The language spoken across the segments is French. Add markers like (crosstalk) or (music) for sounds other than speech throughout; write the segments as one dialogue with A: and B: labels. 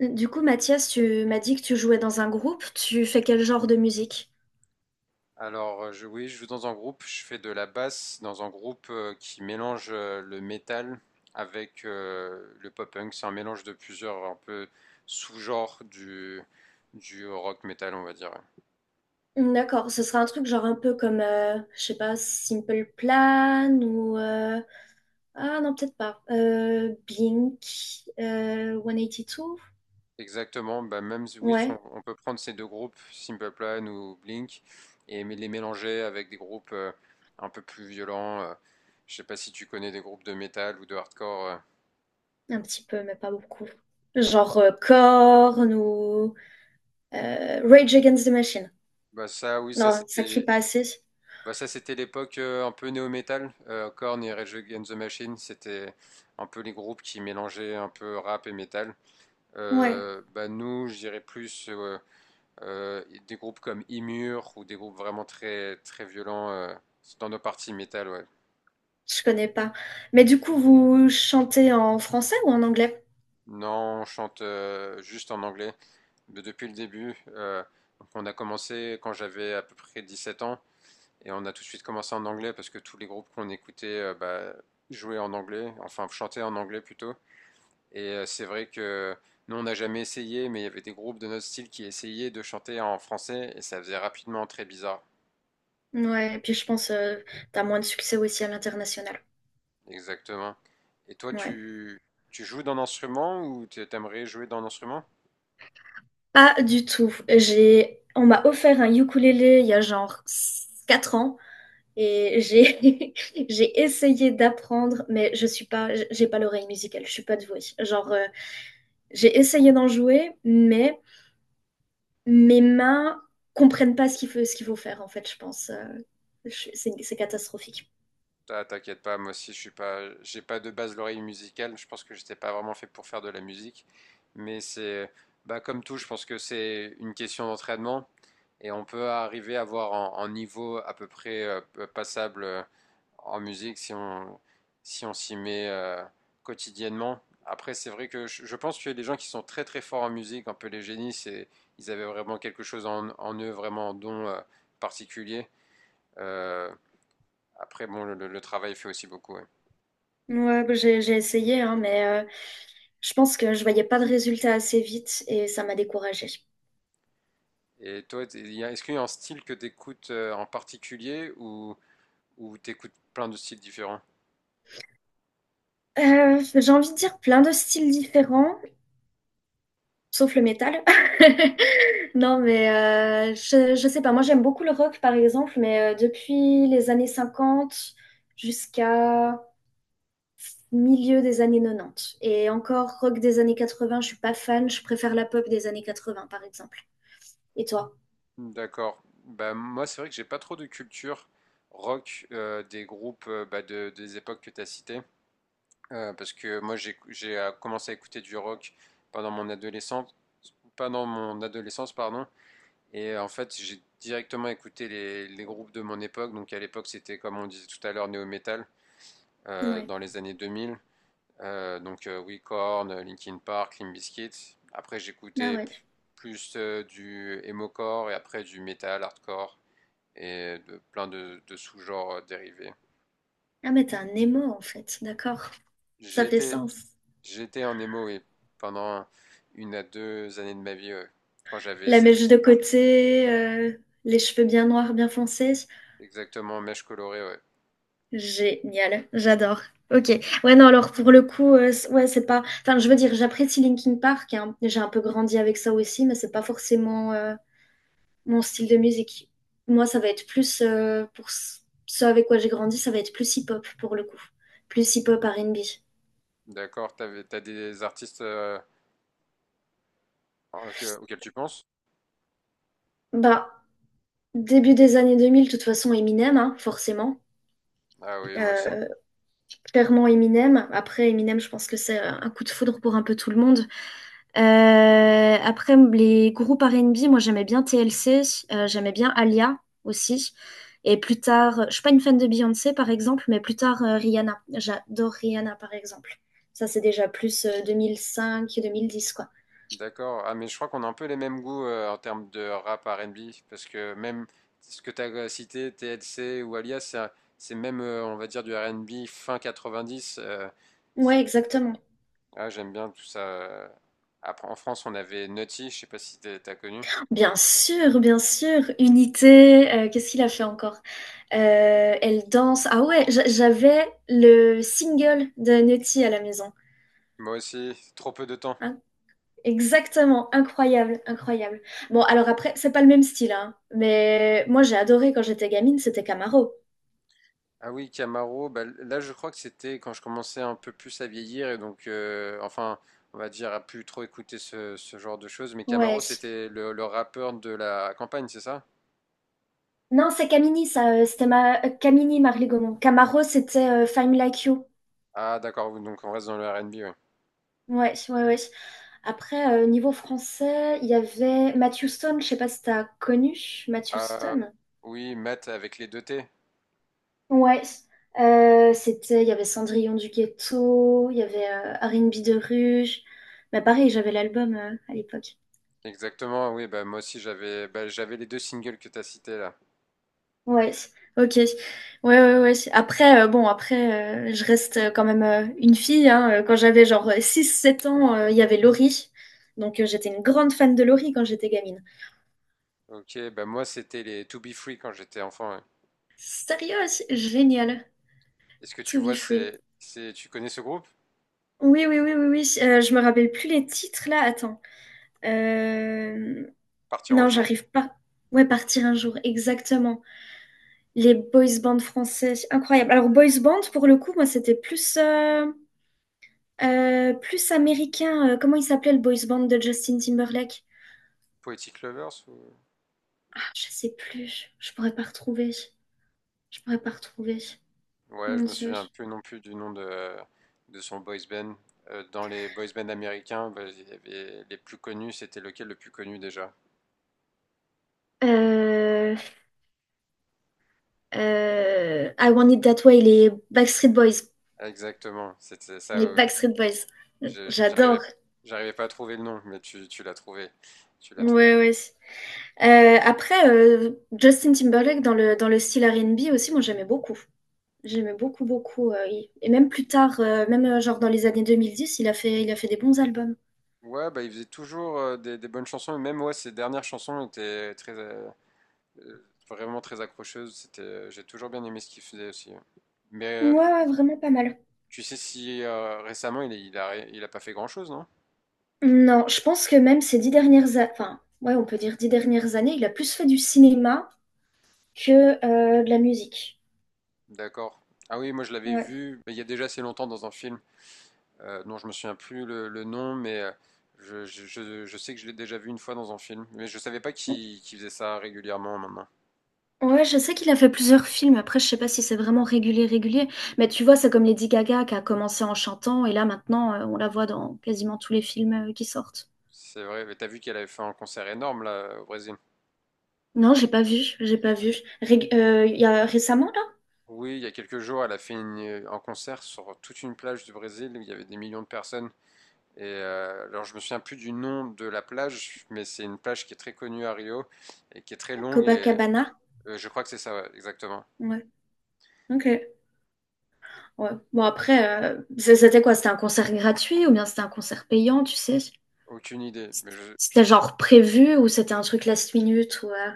A: Du coup, Mathias, tu m'as dit que tu jouais dans un groupe. Tu fais quel genre de musique?
B: Alors, oui, je joue dans un groupe, je fais de la basse dans un groupe qui mélange le metal avec le pop-punk. C'est un mélange de plusieurs un peu sous-genres du rock metal, on va dire.
A: D'accord, ce sera un truc genre un peu comme, je sais pas, Simple Plan ou, ah non, peut-être pas. Blink, 182?
B: Exactement, bah même si- oui,
A: Ouais,
B: on peut prendre ces deux groupes, Simple Plan ou Blink, et les mélanger avec des groupes un peu plus violents. Je sais pas si tu connais des groupes de metal ou de hardcore.
A: un petit peu, mais pas beaucoup. Genre Korn ou Rage Against the Machine.
B: Bah ça, oui, ça
A: Non, ça crie
B: c'était.
A: pas assez.
B: Bah ça, c'était l'époque un peu néo-metal. Korn et Rage Against the Machine, c'était un peu les groupes qui mélangeaient un peu rap et metal.
A: Ouais,
B: Bah nous, je dirais plus des groupes comme Immure ou des groupes vraiment très, très violents dans nos parties metal, ouais.
A: je connais pas. Mais du coup, vous chantez en français ou en anglais?
B: Non, on chante juste en anglais depuis le début. Donc on a commencé quand j'avais à peu près 17 ans et on a tout de suite commencé en anglais parce que tous les groupes qu'on écoutait bah, jouaient en anglais, enfin chantaient en anglais plutôt. Et c'est vrai que nous, on n'a jamais essayé, mais il y avait des groupes de notre style qui essayaient de chanter en français et ça faisait rapidement très bizarre.
A: Ouais, et puis je pense t'as moins de succès aussi à l'international.
B: Exactement. Et toi,
A: Ouais.
B: tu, tu joues d'un instrument ou aimerais jouer d'un instrument?
A: Pas du tout. J'ai, on m'a offert un ukulélé il y a genre 4 ans et j'ai (laughs) j'ai essayé d'apprendre, mais je suis pas, j'ai pas l'oreille musicale, je suis pas douée. Genre, j'ai essayé d'en jouer, mais mes mains comprennent pas ce qu'il faut, ce qu'il faut faire en fait, je pense. C'est catastrophique.
B: Ah, t'inquiète pas, moi aussi, je suis pas, j'ai pas de base l'oreille musicale. Je pense que j'étais pas vraiment fait pour faire de la musique. Mais c'est, bah, comme tout, je pense que c'est une question d'entraînement et on peut arriver à avoir un niveau à peu près passable en musique si on si on s'y met quotidiennement. Après, c'est vrai que je pense que les gens qui sont très très forts en musique, un peu les génies, c'est ils avaient vraiment quelque chose en eux, vraiment un don particulier. Euh, après, bon, le travail fait aussi beaucoup. Ouais.
A: Ouais, bah, j'ai essayé, hein, mais je pense que je voyais pas de résultat assez vite et ça m'a découragée.
B: Et toi, est-ce qu'il y a un style que tu écoutes en particulier ou tu écoutes plein de styles différents?
A: J'ai envie de dire plein de styles différents, sauf le métal. (laughs) Non, mais je sais pas. Moi, j'aime beaucoup le rock, par exemple, mais depuis les années 50 jusqu'à milieu des années 90. Et encore, rock des années 80, je suis pas fan. Je préfère la pop des années 80, par exemple. Et toi?
B: D'accord. Bah, moi, c'est vrai que j'ai pas trop de culture rock des groupes bah, des époques que tu as citées. Parce que moi, j'ai commencé à écouter du rock pendant mon adolescence, pendant mon adolescence, pardon. Et en fait, j'ai directement écouté les groupes de mon époque. Donc à l'époque, c'était comme on disait tout à l'heure, néo-metal,
A: Ouais.
B: dans les années 2000. Oui, Korn, Linkin Park, Limp Bizkit. Après,
A: Ah ouais.
B: plus du emo-core et après du metal, hardcore et de plein de sous-genres dérivés.
A: Ah, mais t'es un émo, en fait. D'accord. Ça
B: J'ai
A: fait
B: été
A: sens.
B: j'étais en emo, oui, pendant une à deux années de ma vie, ouais. Quand j'avais
A: La mèche de
B: 16-17 ans.
A: côté, les cheveux bien noirs, bien foncés.
B: Exactement, mèche colorée, ouais.
A: Génial, j'adore. Ok. Ouais, non, alors pour le coup, ouais, c'est pas. Enfin, je veux dire, j'apprécie Linkin Park, hein. J'ai un peu grandi avec ça aussi, mais c'est pas forcément mon style de musique. Moi, ça va être plus ce avec quoi j'ai grandi, ça va être plus hip-hop pour le coup, plus hip-hop R&B.
B: D'accord, t'as des artistes auxquels tu penses?
A: Bah, début des années 2000, de toute façon, Eminem, hein, forcément.
B: Ah oui, moi aussi.
A: Euh, clairement Eminem. Après, Eminem, je pense que c'est un coup de foudre pour un peu tout le monde. Après, les groupes R&B, moi j'aimais bien TLC, j'aimais bien Alia aussi. Et plus tard, je suis pas une fan de Beyoncé par exemple, mais plus tard Rihanna. J'adore Rihanna par exemple. Ça c'est déjà plus 2005-2010 quoi.
B: D'accord. Ah, mais je crois qu'on a un peu les mêmes goûts en termes de rap R&B, parce que même ce que t'as cité, TLC ou Alias, c'est même, on va dire, du R&B fin 90.
A: Ouais,
B: C'est-
A: exactement.
B: ah, j'aime bien tout ça. Après, en France, on avait Nutty, je sais pas si t'as connu.
A: Bien sûr, bien sûr. Unité, qu'est-ce qu'il a fait encore? Elle danse. Ah ouais, j'avais le single de Nutty à la maison.
B: Moi aussi, trop peu de temps.
A: Ah, exactement, incroyable, incroyable. Bon, alors après, c'est pas le même style, hein, mais moi j'ai adoré quand j'étais gamine, c'était Camaro.
B: Ah oui, Camaro, bah, là je crois que c'était quand je commençais un peu plus à vieillir et donc, enfin, on va dire, à plus trop écouter ce genre de choses. Mais Camaro,
A: Ouais.
B: c'était le rappeur de la campagne, c'est ça?
A: Non, c'est Camini, ça, c'était ma, Camini, Marley Gaumont. Camaro, c'était Fine Like You.
B: Ah d'accord, oui, donc on reste dans le R&B, oui.
A: Ouais, ouais, ouais. Après, niveau français, il y avait Matthew Stone, je sais pas si t'as connu Matthew
B: Ah
A: Stone.
B: oui, Matt avec les deux T.
A: Ouais. C'était, il y avait Cendrillon du ghetto, il y avait R&B de rue. Mais pareil, j'avais l'album à l'époque.
B: Exactement, oui, bah moi aussi j'avais bah, j'avais les deux singles que t'as as cités là.
A: Ouais, ok. Ouais, ouais, ouais. Après, bon, je reste quand même une fille, hein. Quand j'avais genre 6, 7 ans, il y avait Laurie. Donc, j'étais une grande fan de Laurie quand j'étais gamine.
B: Ok, bah moi c'était les To Be Free quand j'étais enfant. Ouais.
A: Sérieux? Génial.
B: Est-ce que tu
A: To be
B: vois,
A: free.
B: tu connais ce groupe?
A: Oui, oui, oui, oui, oui. Je me rappelle plus les titres là. Attends. Euh,
B: Partir en
A: Non,
B: jour,
A: j'arrive pas. Ouais, partir un jour, exactement. Les boys bands français, incroyable. Alors, boys band, pour le coup, moi, c'était plus américain, comment il s'appelait le boys band de Justin Timberlake?
B: Poetic Lovers ou...
A: Ah, je sais plus. Je pourrais pas retrouver. Je pourrais pas retrouver.
B: Ouais,
A: Mon
B: je me
A: Dieu.
B: souviens plus non plus du nom de son boys band. Dans les boys bands américains, bah, il y avait les plus connus, c'était lequel le plus connu déjà?
A: Euh, I Want It That Way, les Backstreet Boys.
B: Exactement, c'était ça.
A: Les Backstreet Boys.
B: J'arrivais,
A: J'adore.
B: j'arrivais pas à trouver le nom, mais tu l'as trouvé. Tu l'as trouvé.
A: Ouais, ouais. Après, Justin Timberlake dans le style R&B aussi, moi j'aimais beaucoup. J'aimais beaucoup, beaucoup. Et même plus tard, même genre dans les années 2010, il a fait des bons albums.
B: Ouais, bah il faisait toujours des bonnes chansons, et même ouais, ses dernières chansons étaient très, vraiment très accrocheuses. C'était, j'ai toujours bien aimé ce qu'il faisait aussi. Hein. Mais
A: Ouais, ouais, vraiment pas mal.
B: tu sais si récemment il, est- il a, ré- il a pas fait grand-chose, non?
A: Non, je pense que même ces 10 dernières années, enfin, ouais, on peut dire 10 dernières années, il a plus fait du cinéma que de la musique.
B: D'accord. Ah oui, moi je l'avais
A: Ouais.
B: vu mais il y a déjà assez longtemps dans un film dont je me souviens plus le nom, mais je sais que je l'ai déjà vu une fois dans un film, mais je savais pas qu'il faisait ça régulièrement maintenant.
A: Ouais, je sais qu'il a fait plusieurs films. Après, je sais pas si c'est vraiment régulier, régulier. Mais tu vois, c'est comme Lady Gaga qui a commencé en chantant et là maintenant, on la voit dans quasiment tous les films qui sortent.
B: C'est vrai, mais t'as vu qu'elle avait fait un concert énorme là au Brésil.
A: Non, j'ai pas vu, j'ai pas vu. Il y a récemment là,
B: Oui, il y a quelques jours, elle a fait un concert sur toute une plage du Brésil où il y avait des millions de personnes. Et alors je me souviens plus du nom de la plage, mais c'est une plage qui est très connue à Rio et qui est très longue et
A: Copacabana.
B: je crois que c'est ça, ouais, exactement.
A: Ouais. Ok. Ouais. Bon après, c'était quoi? C'était un concert gratuit ou bien c'était un concert payant, tu sais?
B: Aucune idée, mais
A: C'était genre prévu ou c'était un truc last minute ou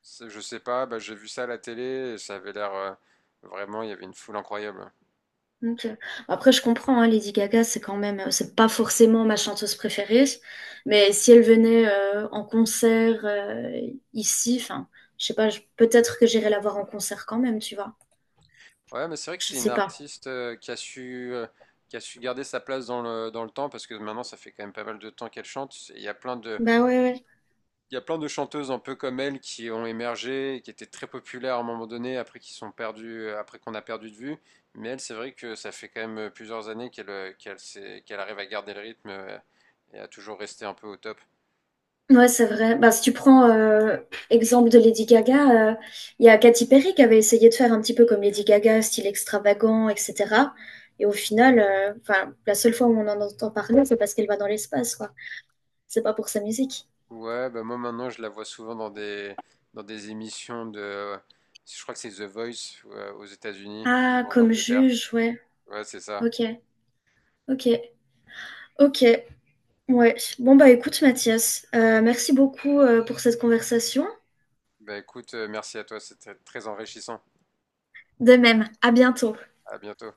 B: Je sais pas, bah, j'ai vu ça à la télé et ça avait l'air vraiment, il y avait une foule incroyable.
A: ok. Après, je comprends, hein, Lady Gaga, c'est quand même, c'est pas forcément ma chanteuse préférée, mais si elle venait en concert ici, enfin, je sais pas, peut-être que j'irais la voir en concert quand même, tu vois.
B: Ouais, mais c'est vrai que
A: Je
B: c'est une
A: sais pas.
B: artiste qui a su, qui a su garder sa place dans le temps parce que maintenant ça fait quand même pas mal de temps qu'elle chante. Et il y a plein de,
A: Bah ouais, ouais.
B: il y a plein de chanteuses un peu comme elle qui ont émergé, et qui étaient très populaires à un moment donné, après qui sont perdues, après qu'on a perdu de vue. Mais elle, c'est vrai que ça fait quand même plusieurs années qu'elle, qu'elle arrive à garder le rythme et à toujours rester un peu au top.
A: Ouais, c'est vrai. Bah, si tu prends exemple de Lady Gaga, il y a Katy Perry qui avait essayé de faire un petit peu comme Lady Gaga, style extravagant, etc. Et au final, enfin, la seule fois où on en entend parler, c'est parce qu'elle va dans l'espace, quoi. C'est pas pour sa musique.
B: Ouais, bah moi maintenant je la vois souvent dans des émissions de, je crois que c'est The Voice aux États-Unis ou
A: Ah,
B: en
A: comme
B: Angleterre.
A: juge, ouais.
B: Ouais, c'est ça.
A: Ok, ok, ok. Ouais. Bon, bah écoute, Mathias, merci beaucoup pour cette conversation.
B: Bah écoute, merci à toi, c'était très enrichissant.
A: De même, à bientôt.
B: À bientôt.